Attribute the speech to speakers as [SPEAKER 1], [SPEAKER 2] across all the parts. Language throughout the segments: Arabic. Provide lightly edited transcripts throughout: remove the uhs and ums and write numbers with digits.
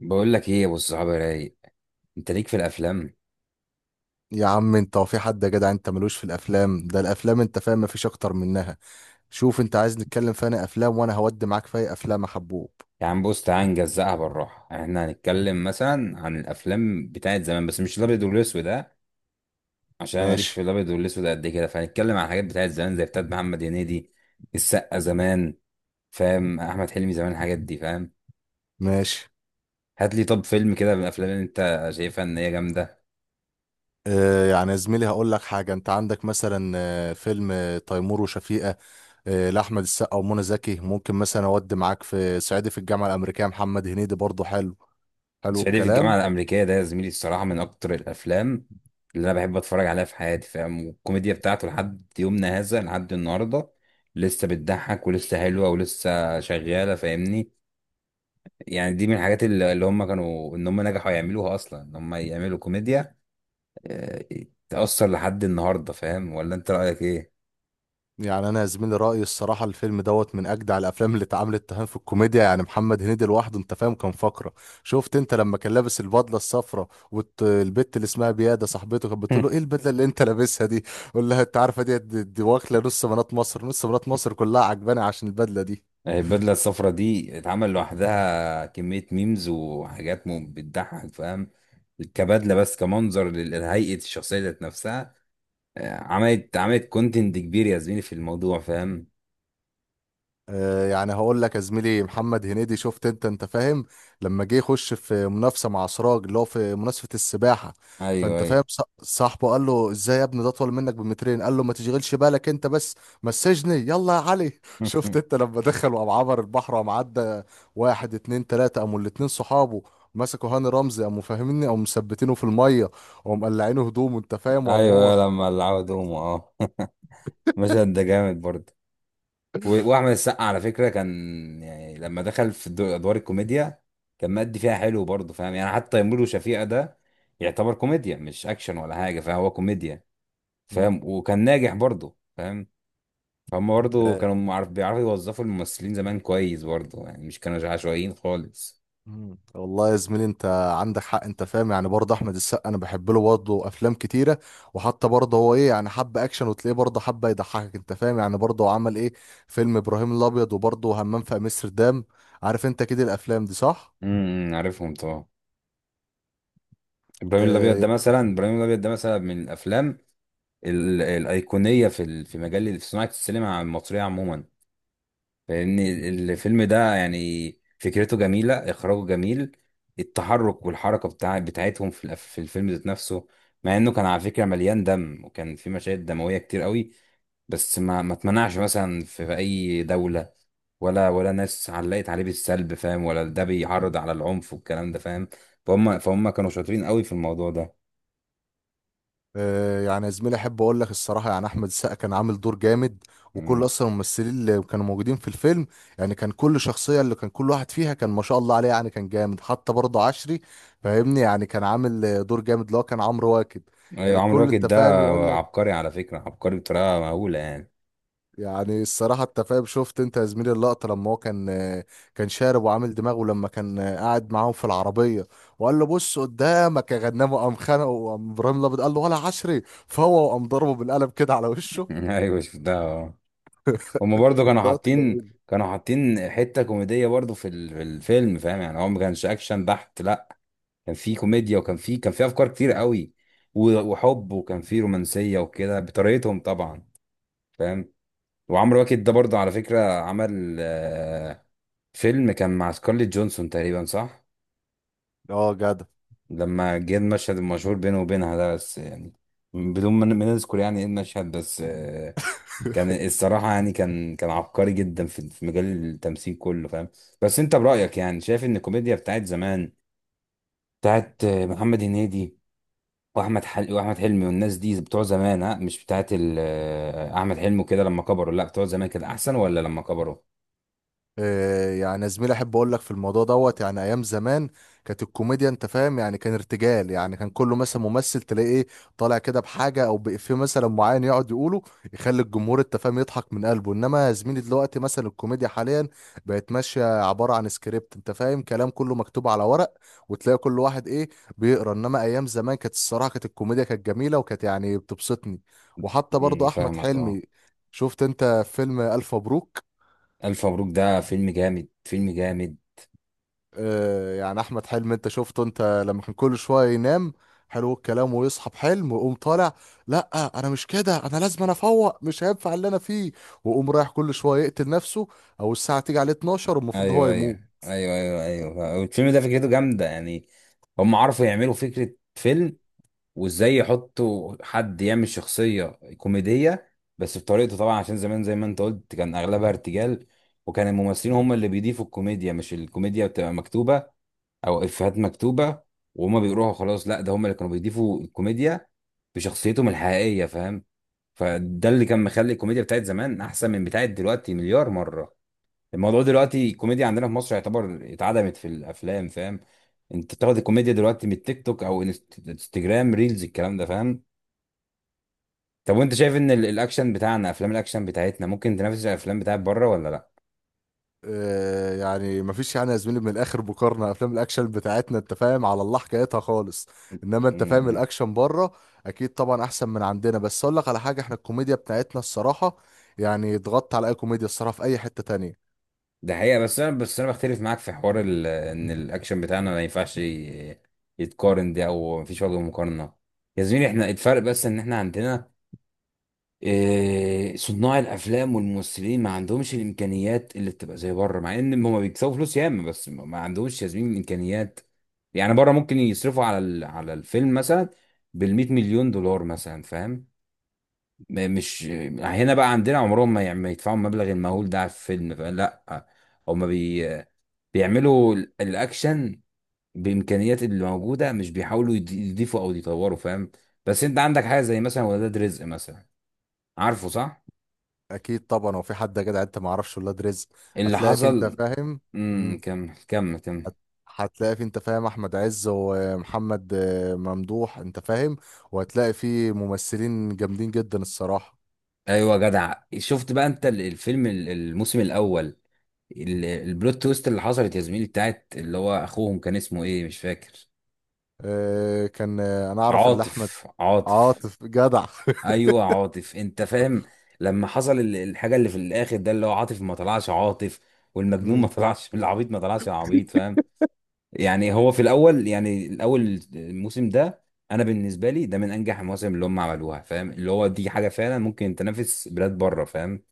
[SPEAKER 1] بقول لك ايه يا ابو الصحاب يا رايق، انت ليك في الافلام.
[SPEAKER 2] يا عم، انت هو في حد؟ يا جدع، انت ملوش في الافلام. ده الافلام انت فاهم مفيش اكتر منها. شوف انت عايز نتكلم في انا افلام وانا هودي معاك في اي افلام يا حبوب.
[SPEAKER 1] يا عم بص تعال نجزقها بالراحه، احنا هنتكلم مثلا عن الافلام بتاعت زمان بس مش الابيض والاسود ده، عشان أنا ماليش
[SPEAKER 2] ماشي،
[SPEAKER 1] في الابيض والاسود قد كده. فهنتكلم عن الحاجات بتاعت زمان زي بتاعت محمد هنيدي، السقا زمان، فاهم؟ احمد حلمي زمان، الحاجات دي، فاهم؟
[SPEAKER 2] ماشي.
[SPEAKER 1] هات لي طب فيلم كده من الافلام اللي انت شايفها ان هي جامده.
[SPEAKER 2] آه، يعني يا زميلي هقول لك حاجه. انت عندك مثلا فيلم تيمور وشفيقه. آه، لاحمد السقا ومنى زكي. ممكن مثلا اودي معاك في صعيدي في الجامعه الامريكيه، محمد هنيدي برضه حلو. حلو
[SPEAKER 1] صعيدي في
[SPEAKER 2] الكلام.
[SPEAKER 1] الجامعة الأمريكية ده يا زميلي الصراحة من أكتر الأفلام اللي أنا بحب أتفرج عليها في حياتي، فاهم؟ والكوميديا بتاعته لحد يومنا هذا، لحد النهاردة لسه بتضحك ولسه حلوة ولسه شغالة، فاهمني؟ يعني دي من الحاجات اللي هم كانوا، إن هم نجحوا يعملوها أصلا، إن هم يعملوا كوميديا. آه، تأثر لحد النهاردة، فاهم؟ ولا أنت رأيك إيه؟
[SPEAKER 2] يعني انا يا زميلي رايي الصراحه الفيلم دوت من اجدع الافلام اللي اتعملت تهان في الكوميديا. يعني محمد هنيدي لوحده انت فاهم كان فقره. شفت انت لما كان لابس البدله الصفراء والبت اللي اسمها بياده صاحبته كانت بتقول له ايه البدله اللي انت لابسها دي؟ قول لها انت عارفه دي واكله نص بنات مصر. نص بنات مصر كلها عجباني عشان البدله دي.
[SPEAKER 1] البدلة الصفراء دي اتعمل لوحدها كمية ميمز وحاجات، بتضحك، فاهم؟ كبدلة بس كمنظر لهيئة الشخصية ذات نفسها. عملت كونتنت كبير يا زميلي في الموضوع، فاهم؟
[SPEAKER 2] آه، يعني هقول لك يا زميلي محمد هنيدي شفت انت انت فاهم لما جه يخش في منافسه مع سراج اللي هو في منافسه السباحه.
[SPEAKER 1] ايوه
[SPEAKER 2] فانت فاهم،
[SPEAKER 1] ايوه.
[SPEAKER 2] صاحبه قال له ازاي يا ابني ده اطول منك بمترين؟ قال له ما تشغلش بالك انت بس، مسجني يلا يا علي. شفت انت لما دخل وقام عبر البحر وقام عدى. واحد اتنين تلاته قاموا الاتنين صحابه مسكوا هاني رمزي، قاموا فاهميني قاموا مثبتينه في الميه، وقاموا مقلعينه هدومه انت فاهم وقام
[SPEAKER 1] ايوه لما العبوا دومو، اه. المشهد ده جامد برضه. واحمد السقا على فكرة كان، يعني لما دخل في ادوار الكوميديا كان مادي فيها حلو برضه، فاهم؟ يعني حتى تيمور وشفيقة ده يعتبر كوميديا مش اكشن ولا حاجة، فهو كوميديا،
[SPEAKER 2] هو.
[SPEAKER 1] فاهم؟ وكان ناجح برضه، فاهم؟ فهم برضه كانوا معرف بيعرفوا يوظفوا الممثلين زمان كويس برضه، يعني مش كانوا عشوائيين خالص.
[SPEAKER 2] مم. والله يا زميلي انت عندك حق. انت فاهم يعني برضه احمد السقا انا بحب له برضه افلام كتيره. وحتى برضه هو ايه يعني حب اكشن وتلاقيه برضه حب يضحكك. انت فاهم يعني برضه هو عمل ايه، فيلم ابراهيم الابيض وبرضه همام في امستردام. عارف انت كده الافلام دي صح؟
[SPEAKER 1] امم، عارفهم طبعا. ابراهيم الابيض
[SPEAKER 2] اه.
[SPEAKER 1] ده مثلا، ابراهيم الابيض ده مثلا من الافلام الايقونيه في في مجال في صناعه السينما المصريه عموما. لان الفيلم ده يعني فكرته جميله، اخراجه جميل، التحرك والحركه بتاعتهم في في الفيلم ذات نفسه. مع انه كان على فكره مليان دم، وكان في مشاهد دمويه كتير قوي، بس ما اتمنعش مثلا في اي دولة، ولا ناس علقت عليه بالسلب، فاهم؟ ولا ده بيعرض على العنف والكلام ده، فاهم؟ فهم كانوا شاطرين قوي في الموضوع ده.
[SPEAKER 2] آه، يعني يا زميلي احب اقول لك الصراحه يعني احمد السقا كان عامل دور جامد. وكل
[SPEAKER 1] مم.
[SPEAKER 2] اصلا الممثلين اللي كانوا موجودين في الفيلم يعني كان كل شخصيه اللي كان كل واحد فيها كان ما شاء الله عليه. يعني كان جامد حتى برضه عشري. فاهمني يعني كان عامل دور جامد اللي هو كان عمرو واكد. كان
[SPEAKER 1] ايوه عمرو
[SPEAKER 2] الكل
[SPEAKER 1] واكد
[SPEAKER 2] انت
[SPEAKER 1] ده
[SPEAKER 2] فاهم يقول لك.
[SPEAKER 1] عبقري على فكرة، عبقري بطريقة مهولة يعني.
[SPEAKER 2] يعني الصراحه انت فاهم شفت انت يا زميلي اللقطه لما هو كان شارب وعامل دماغه لما كان قاعد معاهم في العربيه. وقال له بص قدامك يا غنامه. قام خانقه وقام ابراهيم الابيض قال له ولا عشري فهو وقام ضربه بالقلم كده على وشه.
[SPEAKER 1] ايوه شفتها، اه. هم برضه كانوا
[SPEAKER 2] لقطة
[SPEAKER 1] حاطين،
[SPEAKER 2] جميلة.
[SPEAKER 1] كانوا حاطين حتة كوميدية برضه في في الفيلم، فاهم؟ يعني هو ما كانش اكشن بحت لا، كان في كوميديا، وكان في افكار كتير قوي. وحب وكان في رومانسية وكده بطريقتهم طبعا، فاهم؟ وعمرو واكد ده برضه على فكرة عمل فيلم كان مع سكارليت جونسون تقريبا، صح؟
[SPEAKER 2] اه جدع.
[SPEAKER 1] لما جه المشهد المشهور بينه وبينها ده، بس يعني بدون ما نذكر يعني ايه المشهد، بس كان الصراحة يعني كان عبقري جدا في مجال التمثيل كله، فاهم؟ بس انت برأيك يعني شايف ان الكوميديا بتاعت زمان، بتاعت محمد هنيدي، واحمد حلمي والناس دي بتوع زمان، ها، مش بتاعت ال... آه، احمد حلمي وكده لما كبروا، لا بتوع زمان كده احسن ولا لما كبروا؟
[SPEAKER 2] آه، يعني يا زميلي احب اقول لك في الموضوع دوت. يعني ايام زمان كانت الكوميديا انت فاهم يعني كان ارتجال. يعني كان كله مثلا ممثل تلاقيه ايه طالع كده بحاجه او بإفيه مثلا معين يقعد يقوله يخلي الجمهور انت فاهم يضحك من قلبه. انما يا زميلي دلوقتي مثلا الكوميديا حاليا بقت ماشيه عباره عن سكريبت. انت فاهم كلام كله مكتوب على ورق. وتلاقي كل واحد ايه، بيقرا. انما ايام زمان كانت الصراحه كانت الكوميديا كانت جميله وكانت يعني بتبسطني. وحتى
[SPEAKER 1] امم،
[SPEAKER 2] برضه احمد
[SPEAKER 1] فاهمك، اه.
[SPEAKER 2] حلمي، شفت انت فيلم الف مبروك.
[SPEAKER 1] ألف مبروك ده فيلم جامد، فيلم جامد.
[SPEAKER 2] آه، يعني احمد حلمي انت شفته انت لما كان كل شويه ينام. حلو الكلام. ويصحى بحلم ويقوم طالع، لا انا مش كده، انا لازم انا افوق مش هينفع اللي انا فيه. ويقوم رايح كل شويه يقتل نفسه، او الساعه تيجي عليه 12 والمفروض هو
[SPEAKER 1] أيوه
[SPEAKER 2] يموت.
[SPEAKER 1] أيوه أيوه أيوه أيوه الفيلم ده فكرته جامدة، يعني هم عرفوا يعملوا فكرة فيلم، وإزاي يحطوا حد يعمل شخصية كوميدية، بس بطريقته طبعا عشان زمان زي ما أنت قلت كان أغلبها ارتجال، وكان الممثلين هم اللي بيضيفوا الكوميديا، مش الكوميديا بتبقى مكتوبة أو إفيهات مكتوبة وهما بيقروها. خلاص لا، ده هم اللي كانوا بيضيفوا الكوميديا بشخصيتهم الحقيقية، فاهم؟ فده اللي كان مخلي الكوميديا بتاعت زمان أحسن من بتاعت دلوقتي مليار مرة. الموضوع دلوقتي الكوميديا عندنا في مصر يعتبر اتعدمت في الافلام، فاهم؟ انت بتاخد الكوميديا دلوقتي من التيك توك او انستجرام ريلز، الكلام ده، فاهم؟ طب وانت شايف ان الاكشن بتاعنا، افلام الاكشن بتاعتنا ممكن تنافس الافلام بتاعت بره ولا لا؟
[SPEAKER 2] آه، يعني مفيش يعني يا زميلي من الاخر مقارنه افلام الاكشن بتاعتنا انت فاهم على الله حكايتها خالص. انما انت فاهم
[SPEAKER 1] امم،
[SPEAKER 2] الاكشن بره اكيد طبعا احسن من عندنا. بس اقول لك على حاجه، احنا الكوميديا بتاعتنا الصراحه يعني اتغطى على اي كوميديا الصراحه في اي حته تانية.
[SPEAKER 1] ده حقيقة، بس انا بختلف معاك في حوار ان الاكشن بتاعنا ما ينفعش يتقارن ده، او مفيش وجه مقارنة. يا زميلي احنا الفرق بس ان احنا عندنا صناع الافلام والممثلين ما عندهمش الامكانيات اللي بتبقى زي بره، مع ان هم بيكسبوا فلوس ياما، بس ما عندهمش يا زميلي الامكانيات. يعني بره ممكن يصرفوا على على الفيلم مثلا بال 100 مليون دولار مثلا، فاهم؟ مش هنا بقى عندنا عمرهم ما ما يدفعوا المبلغ المهول ده على الفيلم، فاهم؟ لا، هم بي بيعملوا الاكشن بامكانيات اللي موجوده، مش بيحاولوا يضيفوا او يطوروا، فاهم؟ بس انت عندك حاجه زي مثلا ولاد رزق مثلا، عارفه صح؟
[SPEAKER 2] اكيد طبعا، هو في حد يا جدع انت ما اعرفش ولاد رزق؟
[SPEAKER 1] اللي
[SPEAKER 2] هتلاقي في انت
[SPEAKER 1] حصل...
[SPEAKER 2] فاهم.
[SPEAKER 1] امم،
[SPEAKER 2] مم.
[SPEAKER 1] كمل كمل كمل.
[SPEAKER 2] هت- هتلاقي في انت فاهم احمد عز ومحمد ممدوح انت فاهم. وهتلاقي في ممثلين جامدين جدا الصراحه.
[SPEAKER 1] ايوه جدع، شفت بقى انت الفيلم الموسم الاول، البلوت تويست اللي حصلت يا زميلي، بتاعت اللي هو اخوهم كان اسمه ايه، مش فاكر.
[SPEAKER 2] كان انا اعرف اللي احمد.
[SPEAKER 1] عاطف.
[SPEAKER 2] عاطف جدع.
[SPEAKER 1] ايوه عاطف، انت فاهم لما حصل الحاجه اللي في الاخر ده، اللي هو عاطف ما طلعش عاطف، والمجنون ما
[SPEAKER 2] مم.
[SPEAKER 1] طلعش العبيط، ما طلعش العبيط فاهم يعني هو في الاول، يعني الاول الموسم ده، انا بالنسبه لي ده من انجح المواسم اللي هم عملوها، فاهم؟ اللي هو دي حاجه فعلا ممكن تنافس بلاد بره، فاهم؟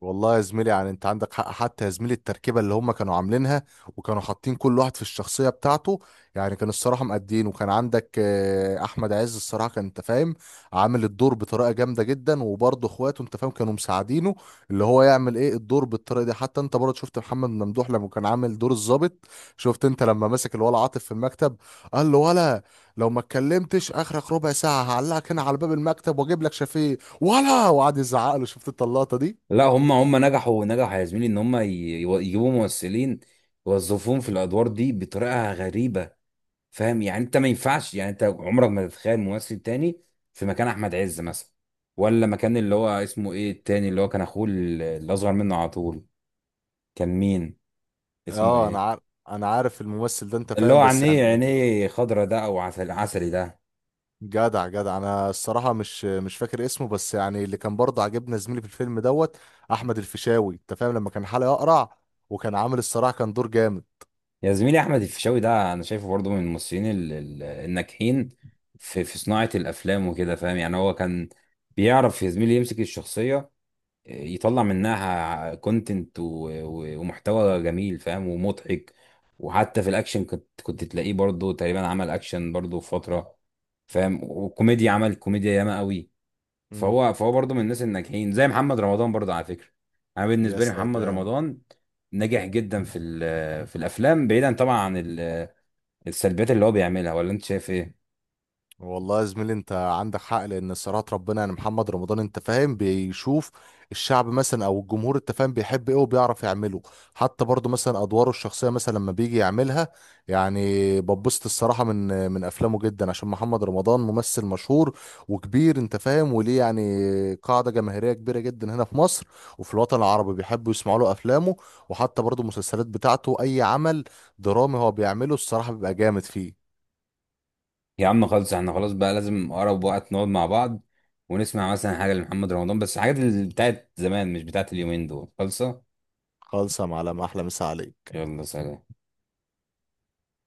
[SPEAKER 2] والله يا زميلي يعني انت عندك حق. حتى يا زميلي التركيبه اللي هم كانوا عاملينها وكانوا حاطين كل واحد في الشخصيه بتاعته، يعني كان الصراحه مقدين. وكان عندك احمد عز الصراحه كان انت فاهم عامل الدور بطريقه جامده جدا. وبرضه اخواته انت فاهم كانوا مساعدينه اللي هو يعمل ايه الدور بالطريقه دي. حتى انت برضه شفت محمد ممدوح لما كان عامل دور الضابط. شفت انت لما مسك الولا عاطف في المكتب، قال له ولا لو ما اتكلمتش اخرك ربع ساعه هعلقك هنا على باب المكتب واجيب لك شفيق ولا، وقعد يزعق له. شفت انت اللقطه دي.
[SPEAKER 1] لا، هم نجحوا نجحوا يا زميلي ان هم يجيبوا ممثلين يوظفوهم في الادوار دي بطريقه غريبه، فاهم؟ يعني انت ما ينفعش، يعني انت عمرك ما تتخيل ممثل تاني في مكان احمد عز مثلا، ولا مكان اللي هو اسمه ايه التاني، اللي هو كان اخوه اللي اصغر منه على طول. كان مين؟ اسمه
[SPEAKER 2] اه انا
[SPEAKER 1] ايه؟
[SPEAKER 2] عارف. انا عارف الممثل ده انت
[SPEAKER 1] اللي هو
[SPEAKER 2] فاهم، بس
[SPEAKER 1] عينيه،
[SPEAKER 2] يعني
[SPEAKER 1] خضرة ده، او عسل عسلي ده.
[SPEAKER 2] جدع جدع انا الصراحه مش فاكر اسمه. بس يعني اللي كان برضه عجبنا زميلي في الفيلم دوت احمد الفيشاوي انت فاهم لما كان حلقه اقرع وكان عامل الصراحه كان دور جامد.
[SPEAKER 1] يا زميلي احمد الفيشاوي ده، انا شايفه برضه من الممثلين الناجحين في صناعه الافلام وكده، فاهم؟ يعني هو كان بيعرف يا زميلي يمسك الشخصيه، يطلع منها كونتنت ومحتوى جميل، فاهم؟ ومضحك. وحتى في الاكشن كنت تلاقيه برضه تقريبا عمل اكشن برضه في فتره، فاهم؟ وكوميديا عمل كوميديا ياما قوي.
[SPEAKER 2] مم.
[SPEAKER 1] فهو برضه من الناس الناجحين زي محمد رمضان برضه على فكره. انا
[SPEAKER 2] يا
[SPEAKER 1] بالنسبه لي محمد
[SPEAKER 2] سلام.
[SPEAKER 1] رمضان ناجح جدا في في الافلام، بعيدا طبعا عن السلبيات اللي هو بيعملها. ولا انت شايف ايه؟
[SPEAKER 2] والله يا زميلي انت عندك حق لان صراحة ربنا يعني محمد رمضان انت فاهم بيشوف الشعب مثلا او الجمهور انت فاهم بيحب ايه وبيعرف يعمله. حتى برضو مثلا ادواره الشخصية مثلا لما بيجي يعملها يعني ببسط الصراحة من افلامه جدا. عشان محمد رمضان ممثل مشهور وكبير انت فاهم وليه يعني قاعدة جماهيرية كبيرة جدا هنا في مصر وفي الوطن العربي. بيحبوا يسمعوا له افلامه. وحتى برضو المسلسلات بتاعته اي عمل درامي هو بيعمله الصراحة بيبقى جامد فيه.
[SPEAKER 1] يا عم خالص، احنا خلاص بقى لازم اقرب وقت نقعد مع بعض ونسمع مثلا حاجه لمحمد رمضان، بس حاجات اللي بتاعت زمان، مش بتاعت اليومين دول خالصه.
[SPEAKER 2] خالصة معلم، احلى مسا عليك.
[SPEAKER 1] يلا سلام.